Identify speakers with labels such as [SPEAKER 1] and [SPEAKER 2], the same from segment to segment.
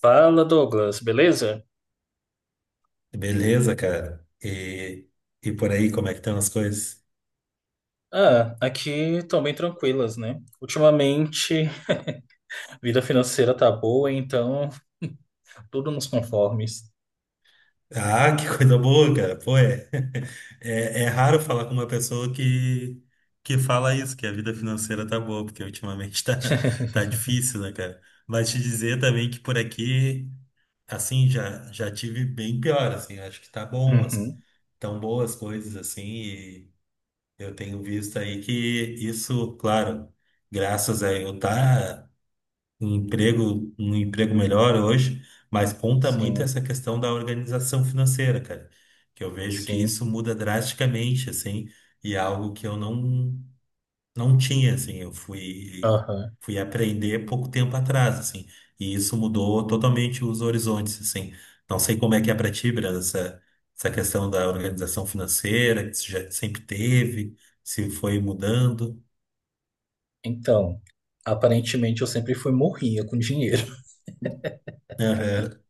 [SPEAKER 1] Fala, Douglas, beleza?
[SPEAKER 2] Beleza, cara. E por aí, como é que estão as coisas?
[SPEAKER 1] Ah, aqui estão bem tranquilas, né? Ultimamente, a vida financeira tá boa, então tudo nos conformes.
[SPEAKER 2] Ah, que coisa boa, cara. Pô, é raro falar com uma pessoa que fala isso, que a vida financeira tá boa, porque ultimamente tá difícil, né, cara? Mas te dizer também que por aqui, assim, já tive bem pior, assim. Acho que tá bom,
[SPEAKER 1] Uhum,
[SPEAKER 2] tão boas coisas, assim, e eu tenho visto aí que isso, claro, graças a eu tá. Um emprego, um emprego melhor hoje, mas conta muito
[SPEAKER 1] sim,
[SPEAKER 2] essa questão da organização financeira, cara, que eu vejo que
[SPEAKER 1] sim.
[SPEAKER 2] isso muda drasticamente, assim, e é algo que eu não tinha, assim, eu fui
[SPEAKER 1] Aham.
[SPEAKER 2] fui aprender pouco tempo atrás, assim, e isso mudou totalmente os horizontes, assim. Não sei como é que é pra ti, Brenda, essa questão da organização financeira, que você já sempre teve, se foi mudando.
[SPEAKER 1] Então, aparentemente eu sempre fui morrinha com dinheiro.
[SPEAKER 2] Aham.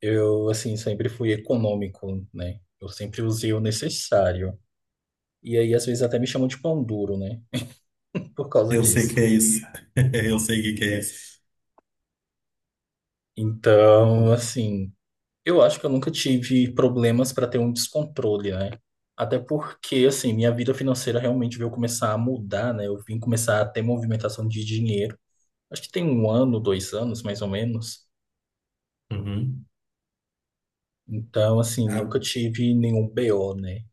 [SPEAKER 1] Eu, assim, sempre fui econômico, né? Eu sempre usei o necessário. E aí, às vezes, até me chamam de pão duro, né? Por causa
[SPEAKER 2] Eu sei
[SPEAKER 1] disso.
[SPEAKER 2] que é isso. Eu sei o que que é isso.
[SPEAKER 1] Então, assim. Eu acho que eu nunca tive problemas para ter um descontrole, né? Até porque, assim, minha vida financeira realmente veio começar a mudar, né? Eu vim começar a ter movimentação de dinheiro. Acho que tem um ano, 2 anos, mais ou menos.
[SPEAKER 2] Uhum.
[SPEAKER 1] Então, assim, nunca
[SPEAKER 2] Ah,
[SPEAKER 1] tive nenhum BO, né?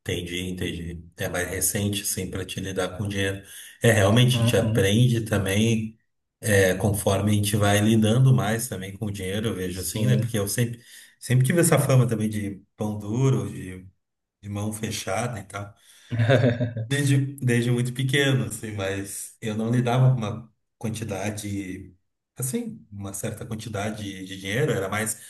[SPEAKER 2] entendi, entendi. É mais recente, sim, para te lidar com dinheiro. É, realmente, a gente
[SPEAKER 1] Uhum,
[SPEAKER 2] aprende também, é, conforme a gente vai lidando mais também com o dinheiro, eu vejo assim, né?
[SPEAKER 1] sim.
[SPEAKER 2] Porque eu sempre, sempre tive essa fama também de pão duro, de mão fechada e tal, desde, desde muito pequeno, assim, mas eu não lidava com uma quantidade, assim, uma certa quantidade de dinheiro, era mais.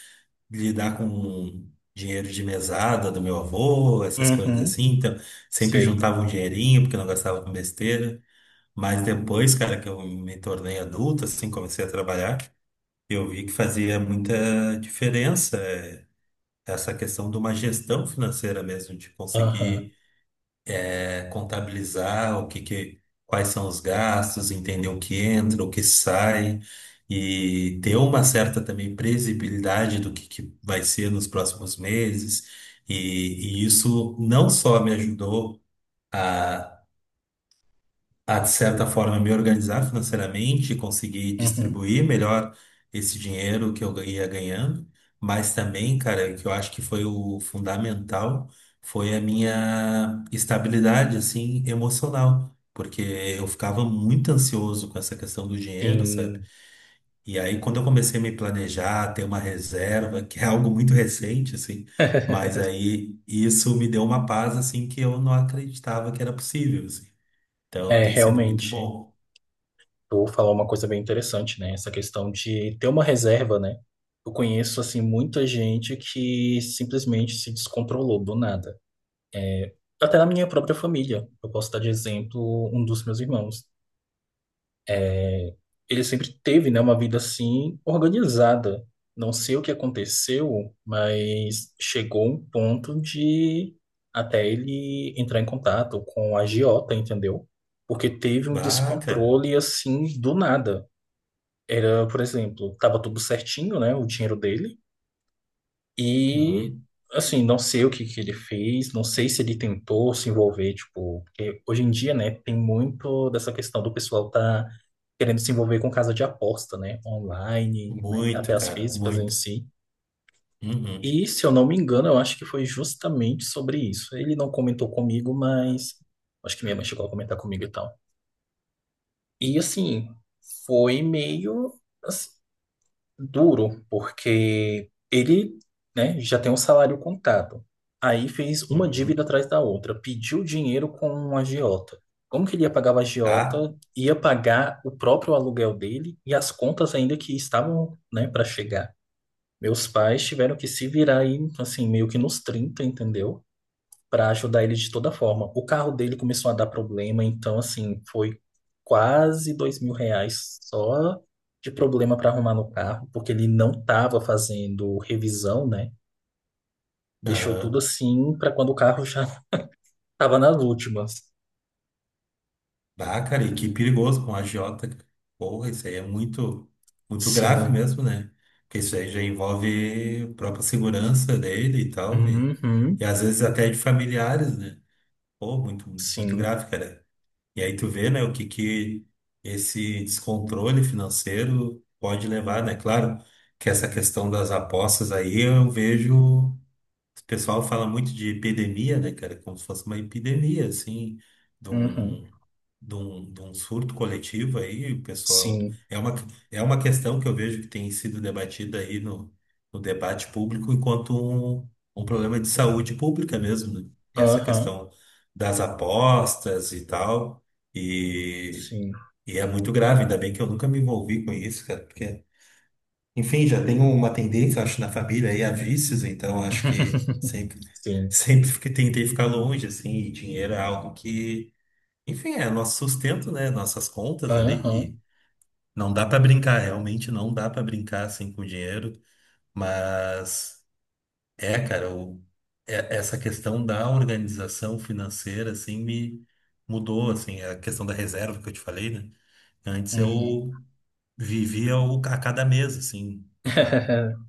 [SPEAKER 2] Lidar com dinheiro de mesada do meu avô, essas coisas
[SPEAKER 1] Uhum,
[SPEAKER 2] assim. Então, sempre
[SPEAKER 1] sei.
[SPEAKER 2] juntava um dinheirinho porque eu não gastava com besteira. Mas depois, cara, que eu me tornei adulto, assim, comecei a trabalhar, eu vi que fazia muita diferença essa questão de uma gestão financeira mesmo, de
[SPEAKER 1] Aham,
[SPEAKER 2] conseguir contabilizar o que, quais são os gastos, entender o que entra, o que sai e ter uma certa também previsibilidade do que vai ser nos próximos meses. E, e isso não só me ajudou a a, de certa forma, me organizar financeiramente, conseguir
[SPEAKER 1] uhum,
[SPEAKER 2] distribuir melhor esse dinheiro que eu ia ganhando, mas também, cara, que eu acho que foi o fundamental, foi a minha estabilidade, assim, emocional, porque eu ficava muito ansioso com essa questão do dinheiro, sabe?
[SPEAKER 1] sim.
[SPEAKER 2] E aí, quando eu comecei a me planejar, ter uma reserva, que é algo muito recente, assim, mas aí isso me deu uma paz, assim, que eu não acreditava que era possível, assim. Então,
[SPEAKER 1] É,
[SPEAKER 2] tem sido muito
[SPEAKER 1] realmente.
[SPEAKER 2] bom.
[SPEAKER 1] Tu falou uma coisa bem interessante, né? Essa questão de ter uma reserva, né? Eu conheço, assim, muita gente que simplesmente se descontrolou do nada. Até na minha própria família. Eu posso dar de exemplo um dos meus irmãos. É, ele sempre teve, né, uma vida, assim, organizada. Não sei o que aconteceu, mas chegou um ponto de até ele entrar em contato com a agiota, entendeu? Porque teve um
[SPEAKER 2] Ah, cara.
[SPEAKER 1] descontrole, assim, do nada. Era, por exemplo, tava tudo certinho, né? O dinheiro dele. E,
[SPEAKER 2] Uhum.
[SPEAKER 1] assim, não sei o que que ele fez, não sei se ele tentou se envolver, tipo, porque hoje em dia, né, tem muito dessa questão do pessoal tá querendo se envolver com casa de aposta, né? Online, né? Até
[SPEAKER 2] Muito,
[SPEAKER 1] as
[SPEAKER 2] cara.
[SPEAKER 1] físicas em
[SPEAKER 2] Muito.
[SPEAKER 1] si.
[SPEAKER 2] Uhum.
[SPEAKER 1] E, se eu não me engano, eu acho que foi justamente sobre isso. Ele não comentou comigo, mas acho que minha mãe chegou a comentar comigo e tal. E, assim, foi meio, duro, porque ele, né, já tem um salário contado. Aí fez uma dívida
[SPEAKER 2] Uhum.
[SPEAKER 1] atrás da outra, pediu dinheiro com um agiota. Como que ele ia pagar o
[SPEAKER 2] Tá?
[SPEAKER 1] agiota? Ia pagar o próprio aluguel dele e as contas ainda que estavam, né, para chegar. Meus pais tiveram que se virar aí, assim, meio que nos trinta, entendeu? Para ajudar ele de toda forma. O carro dele começou a dar problema, então, assim, foi quase 2 mil reais só de problema para arrumar no carro, porque ele não estava fazendo revisão, né? Deixou tudo
[SPEAKER 2] Aham.
[SPEAKER 1] assim para quando o carro já estava nas últimas.
[SPEAKER 2] Ah, cara, e que perigoso com a agiota, cara. Porra, isso aí é muito, muito grave
[SPEAKER 1] Sim.
[SPEAKER 2] mesmo, né? Porque isso aí já envolve a própria segurança dele e tal. E
[SPEAKER 1] Uhum.
[SPEAKER 2] às vezes até de familiares, né? Pô, muito, muito
[SPEAKER 1] Sim.
[SPEAKER 2] grave, cara. E aí tu vê, né, o que que esse descontrole financeiro pode levar, né? Claro que essa questão das apostas aí eu vejo. O pessoal fala muito de epidemia, né, cara? Como se fosse uma epidemia, assim, de
[SPEAKER 1] Uhum.
[SPEAKER 2] um, de um surto coletivo aí, o pessoal.
[SPEAKER 1] Sim.
[SPEAKER 2] É uma questão que eu vejo que tem sido debatida aí no debate público enquanto um, um problema de saúde pública mesmo, né? Essa
[SPEAKER 1] Aham.
[SPEAKER 2] questão das apostas e tal. E,
[SPEAKER 1] Sim.
[SPEAKER 2] e é muito grave, ainda bem que eu nunca me envolvi com isso, cara, porque enfim, já tenho uma tendência, acho, na família aí a vícios, então acho que sempre,
[SPEAKER 1] Sim.
[SPEAKER 2] sempre que tentei ficar longe, assim, e dinheiro é algo que, enfim, é nosso sustento, né? Nossas contas ali,
[SPEAKER 1] Aham.
[SPEAKER 2] e não dá pra brincar, realmente não dá pra brincar assim com dinheiro, mas é, cara, essa questão da organização financeira, assim, me mudou, assim, a questão da reserva que eu te falei, né? Antes
[SPEAKER 1] Uhum.
[SPEAKER 2] eu vivia a cada mês, assim. Ah,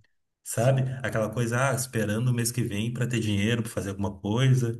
[SPEAKER 1] Sim.
[SPEAKER 2] sabe? Aquela coisa, ah, esperando o mês que vem para ter dinheiro, para fazer alguma coisa.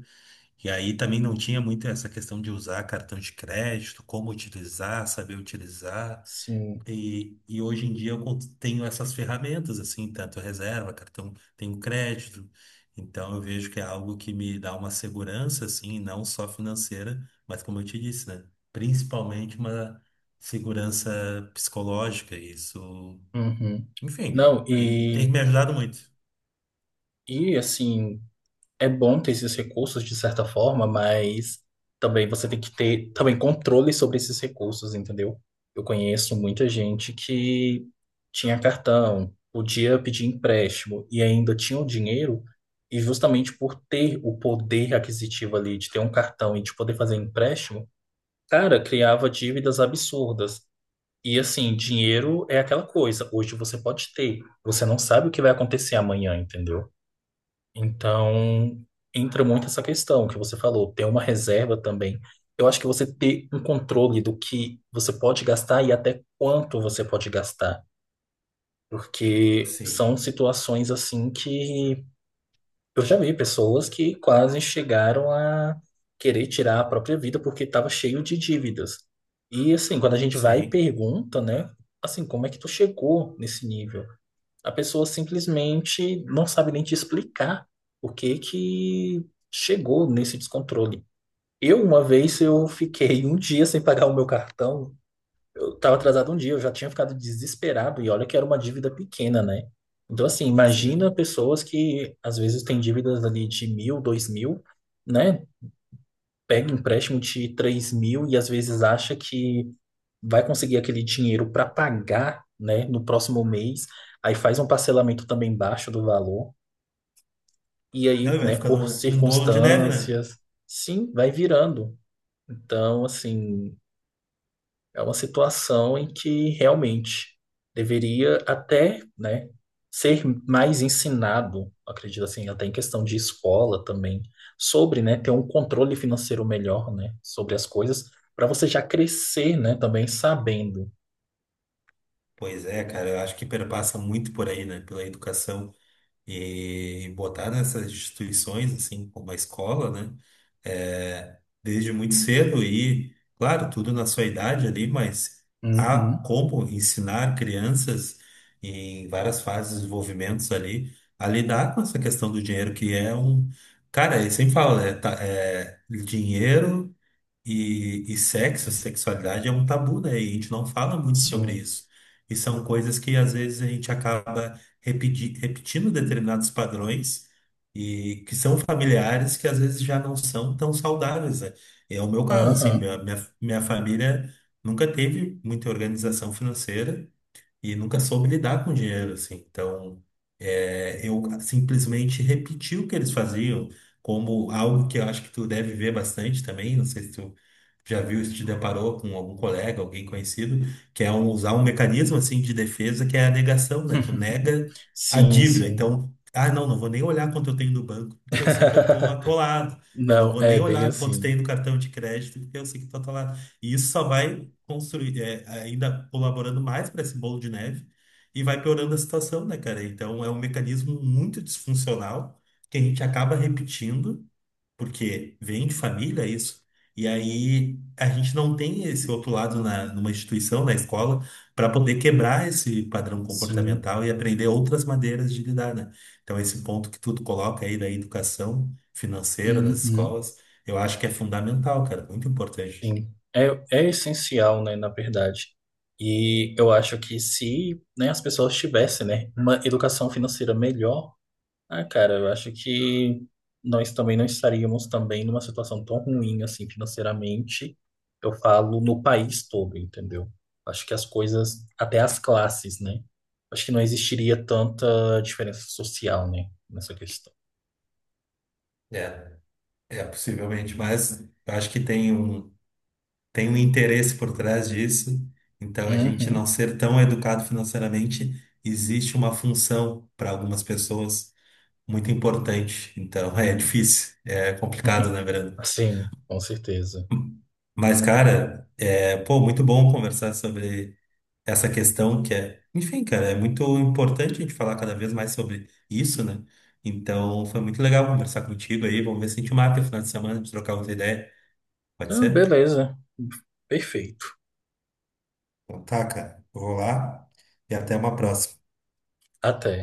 [SPEAKER 2] E aí também não tinha muito essa questão de usar cartão de crédito, como utilizar, saber utilizar.
[SPEAKER 1] Sim.
[SPEAKER 2] E hoje em dia eu tenho essas ferramentas, assim, tanto reserva, cartão, tenho crédito. Então eu vejo que é algo que me dá uma segurança, assim, não só financeira, mas como eu te disse, né? Principalmente uma segurança psicológica. Isso,
[SPEAKER 1] Uhum.
[SPEAKER 2] enfim,
[SPEAKER 1] Não,
[SPEAKER 2] tem
[SPEAKER 1] e
[SPEAKER 2] me ajudado muito.
[SPEAKER 1] E assim, é bom ter esses recursos de certa forma, mas também você tem que ter também controle sobre esses recursos, entendeu? Eu conheço muita gente que tinha cartão, podia pedir empréstimo e ainda tinha o dinheiro, e justamente por ter o poder aquisitivo ali de ter um cartão e de poder fazer empréstimo, cara, criava dívidas absurdas. E assim, dinheiro é aquela coisa, hoje você pode ter, você não sabe o que vai acontecer amanhã, entendeu? Então, entra muito essa questão que você falou, ter uma reserva também. Eu acho que você ter um controle do que você pode gastar e até quanto você pode gastar, porque
[SPEAKER 2] Sim,
[SPEAKER 1] são situações assim que eu já vi pessoas que quase chegaram a querer tirar a própria vida porque estava cheio de dívidas. E assim, quando a gente vai e
[SPEAKER 2] sim,
[SPEAKER 1] pergunta, né, assim, como é que tu chegou nesse nível? A pessoa simplesmente não sabe nem te explicar o que que chegou nesse descontrole. Eu, uma vez, eu fiquei um dia sem pagar o meu cartão. Eu estava atrasado um dia, eu já tinha ficado desesperado e olha que era uma dívida pequena, né? Então, assim, imagina
[SPEAKER 2] sim.
[SPEAKER 1] pessoas que às vezes têm dívidas ali de 1.000, 2.000, né? Pega um empréstimo de 3 mil e às vezes acha que vai conseguir aquele dinheiro para pagar, né, no próximo mês, aí faz um parcelamento também baixo do valor, e
[SPEAKER 2] Não,
[SPEAKER 1] aí,
[SPEAKER 2] e vai
[SPEAKER 1] né, por
[SPEAKER 2] ficando um bolo de neve, né?
[SPEAKER 1] circunstâncias, sim, vai virando. Então, assim, é uma situação em que realmente deveria até, né, ser mais ensinado, acredito assim, até em questão de escola também, sobre, né, ter um controle financeiro melhor, né, sobre as coisas, para você já crescer, né, também sabendo.
[SPEAKER 2] Pois é, cara, eu acho que perpassa muito por aí, né? Pela educação e botar nessas instituições, assim, como a escola, né? É, desde muito cedo e, claro, tudo na sua idade ali, mas há
[SPEAKER 1] Uhum,
[SPEAKER 2] como ensinar crianças em várias fases de desenvolvimentos ali a lidar com essa questão do dinheiro, que é um. Cara, eu sempre falo, né? Tá, é, dinheiro. E sexo, sexualidade é um tabu, né? E a gente não fala muito sobre
[SPEAKER 1] sim.
[SPEAKER 2] isso. E são coisas que às vezes a gente acaba repetindo determinados padrões e que são familiares que às vezes já não são tão saudáveis, né? É o meu caso, assim,
[SPEAKER 1] Aham.
[SPEAKER 2] minha família nunca teve muita organização financeira e nunca soube lidar com dinheiro, assim. Então, é, eu simplesmente repeti o que eles faziam, como algo que eu acho que tu deve ver bastante também. Não sei se tu já viu, se te deparou com algum colega, alguém conhecido, que é usar um mecanismo assim de defesa que é a negação, né? Tu nega a
[SPEAKER 1] Sim,
[SPEAKER 2] dívida.
[SPEAKER 1] sim.
[SPEAKER 2] Então, ah, não, não vou nem olhar quanto eu tenho no banco, porque eu sei que eu tô atolado. Eu não
[SPEAKER 1] Não,
[SPEAKER 2] vou
[SPEAKER 1] é
[SPEAKER 2] nem
[SPEAKER 1] bem
[SPEAKER 2] olhar quanto
[SPEAKER 1] assim.
[SPEAKER 2] tem no cartão de crédito, porque eu sei que eu tô atolado. E isso só vai construir, é, ainda colaborando mais para esse bolo de neve e vai piorando a situação, né, cara? Então é um mecanismo muito disfuncional que a gente acaba repetindo, porque vem de família isso. E aí a gente não tem esse outro lado numa instituição, na escola, para poder quebrar esse padrão
[SPEAKER 1] Sim.
[SPEAKER 2] comportamental e aprender outras maneiras de lidar, né? Então esse ponto que tu coloca aí da educação financeira das
[SPEAKER 1] Uhum.
[SPEAKER 2] escolas, eu acho que é fundamental, cara, muito importante.
[SPEAKER 1] Sim. É, é essencial, né, na verdade. E eu acho que se, né, as pessoas tivessem, né, uma educação financeira melhor, ah, cara, eu acho que nós também não estaríamos também numa situação tão ruim assim financeiramente. Eu falo no país todo, entendeu? Acho que as coisas, até as classes, né? Acho que não existiria tanta diferença social, né, nessa questão.
[SPEAKER 2] É. É, possivelmente, mas eu acho que tem um interesse por trás disso. Então, a gente não
[SPEAKER 1] Uhum.
[SPEAKER 2] ser tão educado financeiramente, existe uma função para algumas pessoas muito importante. Então, é difícil, é complicado, né, Brando?
[SPEAKER 1] Sim, com certeza.
[SPEAKER 2] Mas, cara, é, pô, muito bom conversar sobre essa questão que é, enfim, cara, é muito importante a gente falar cada vez mais sobre isso, né? Então, foi muito legal conversar contigo aí. Vamos ver se a gente marca o final de semana de trocar outra ideia. Pode
[SPEAKER 1] Ah,
[SPEAKER 2] ser?
[SPEAKER 1] beleza, perfeito.
[SPEAKER 2] Então tá, cara. Eu vou lá e até uma próxima.
[SPEAKER 1] Até.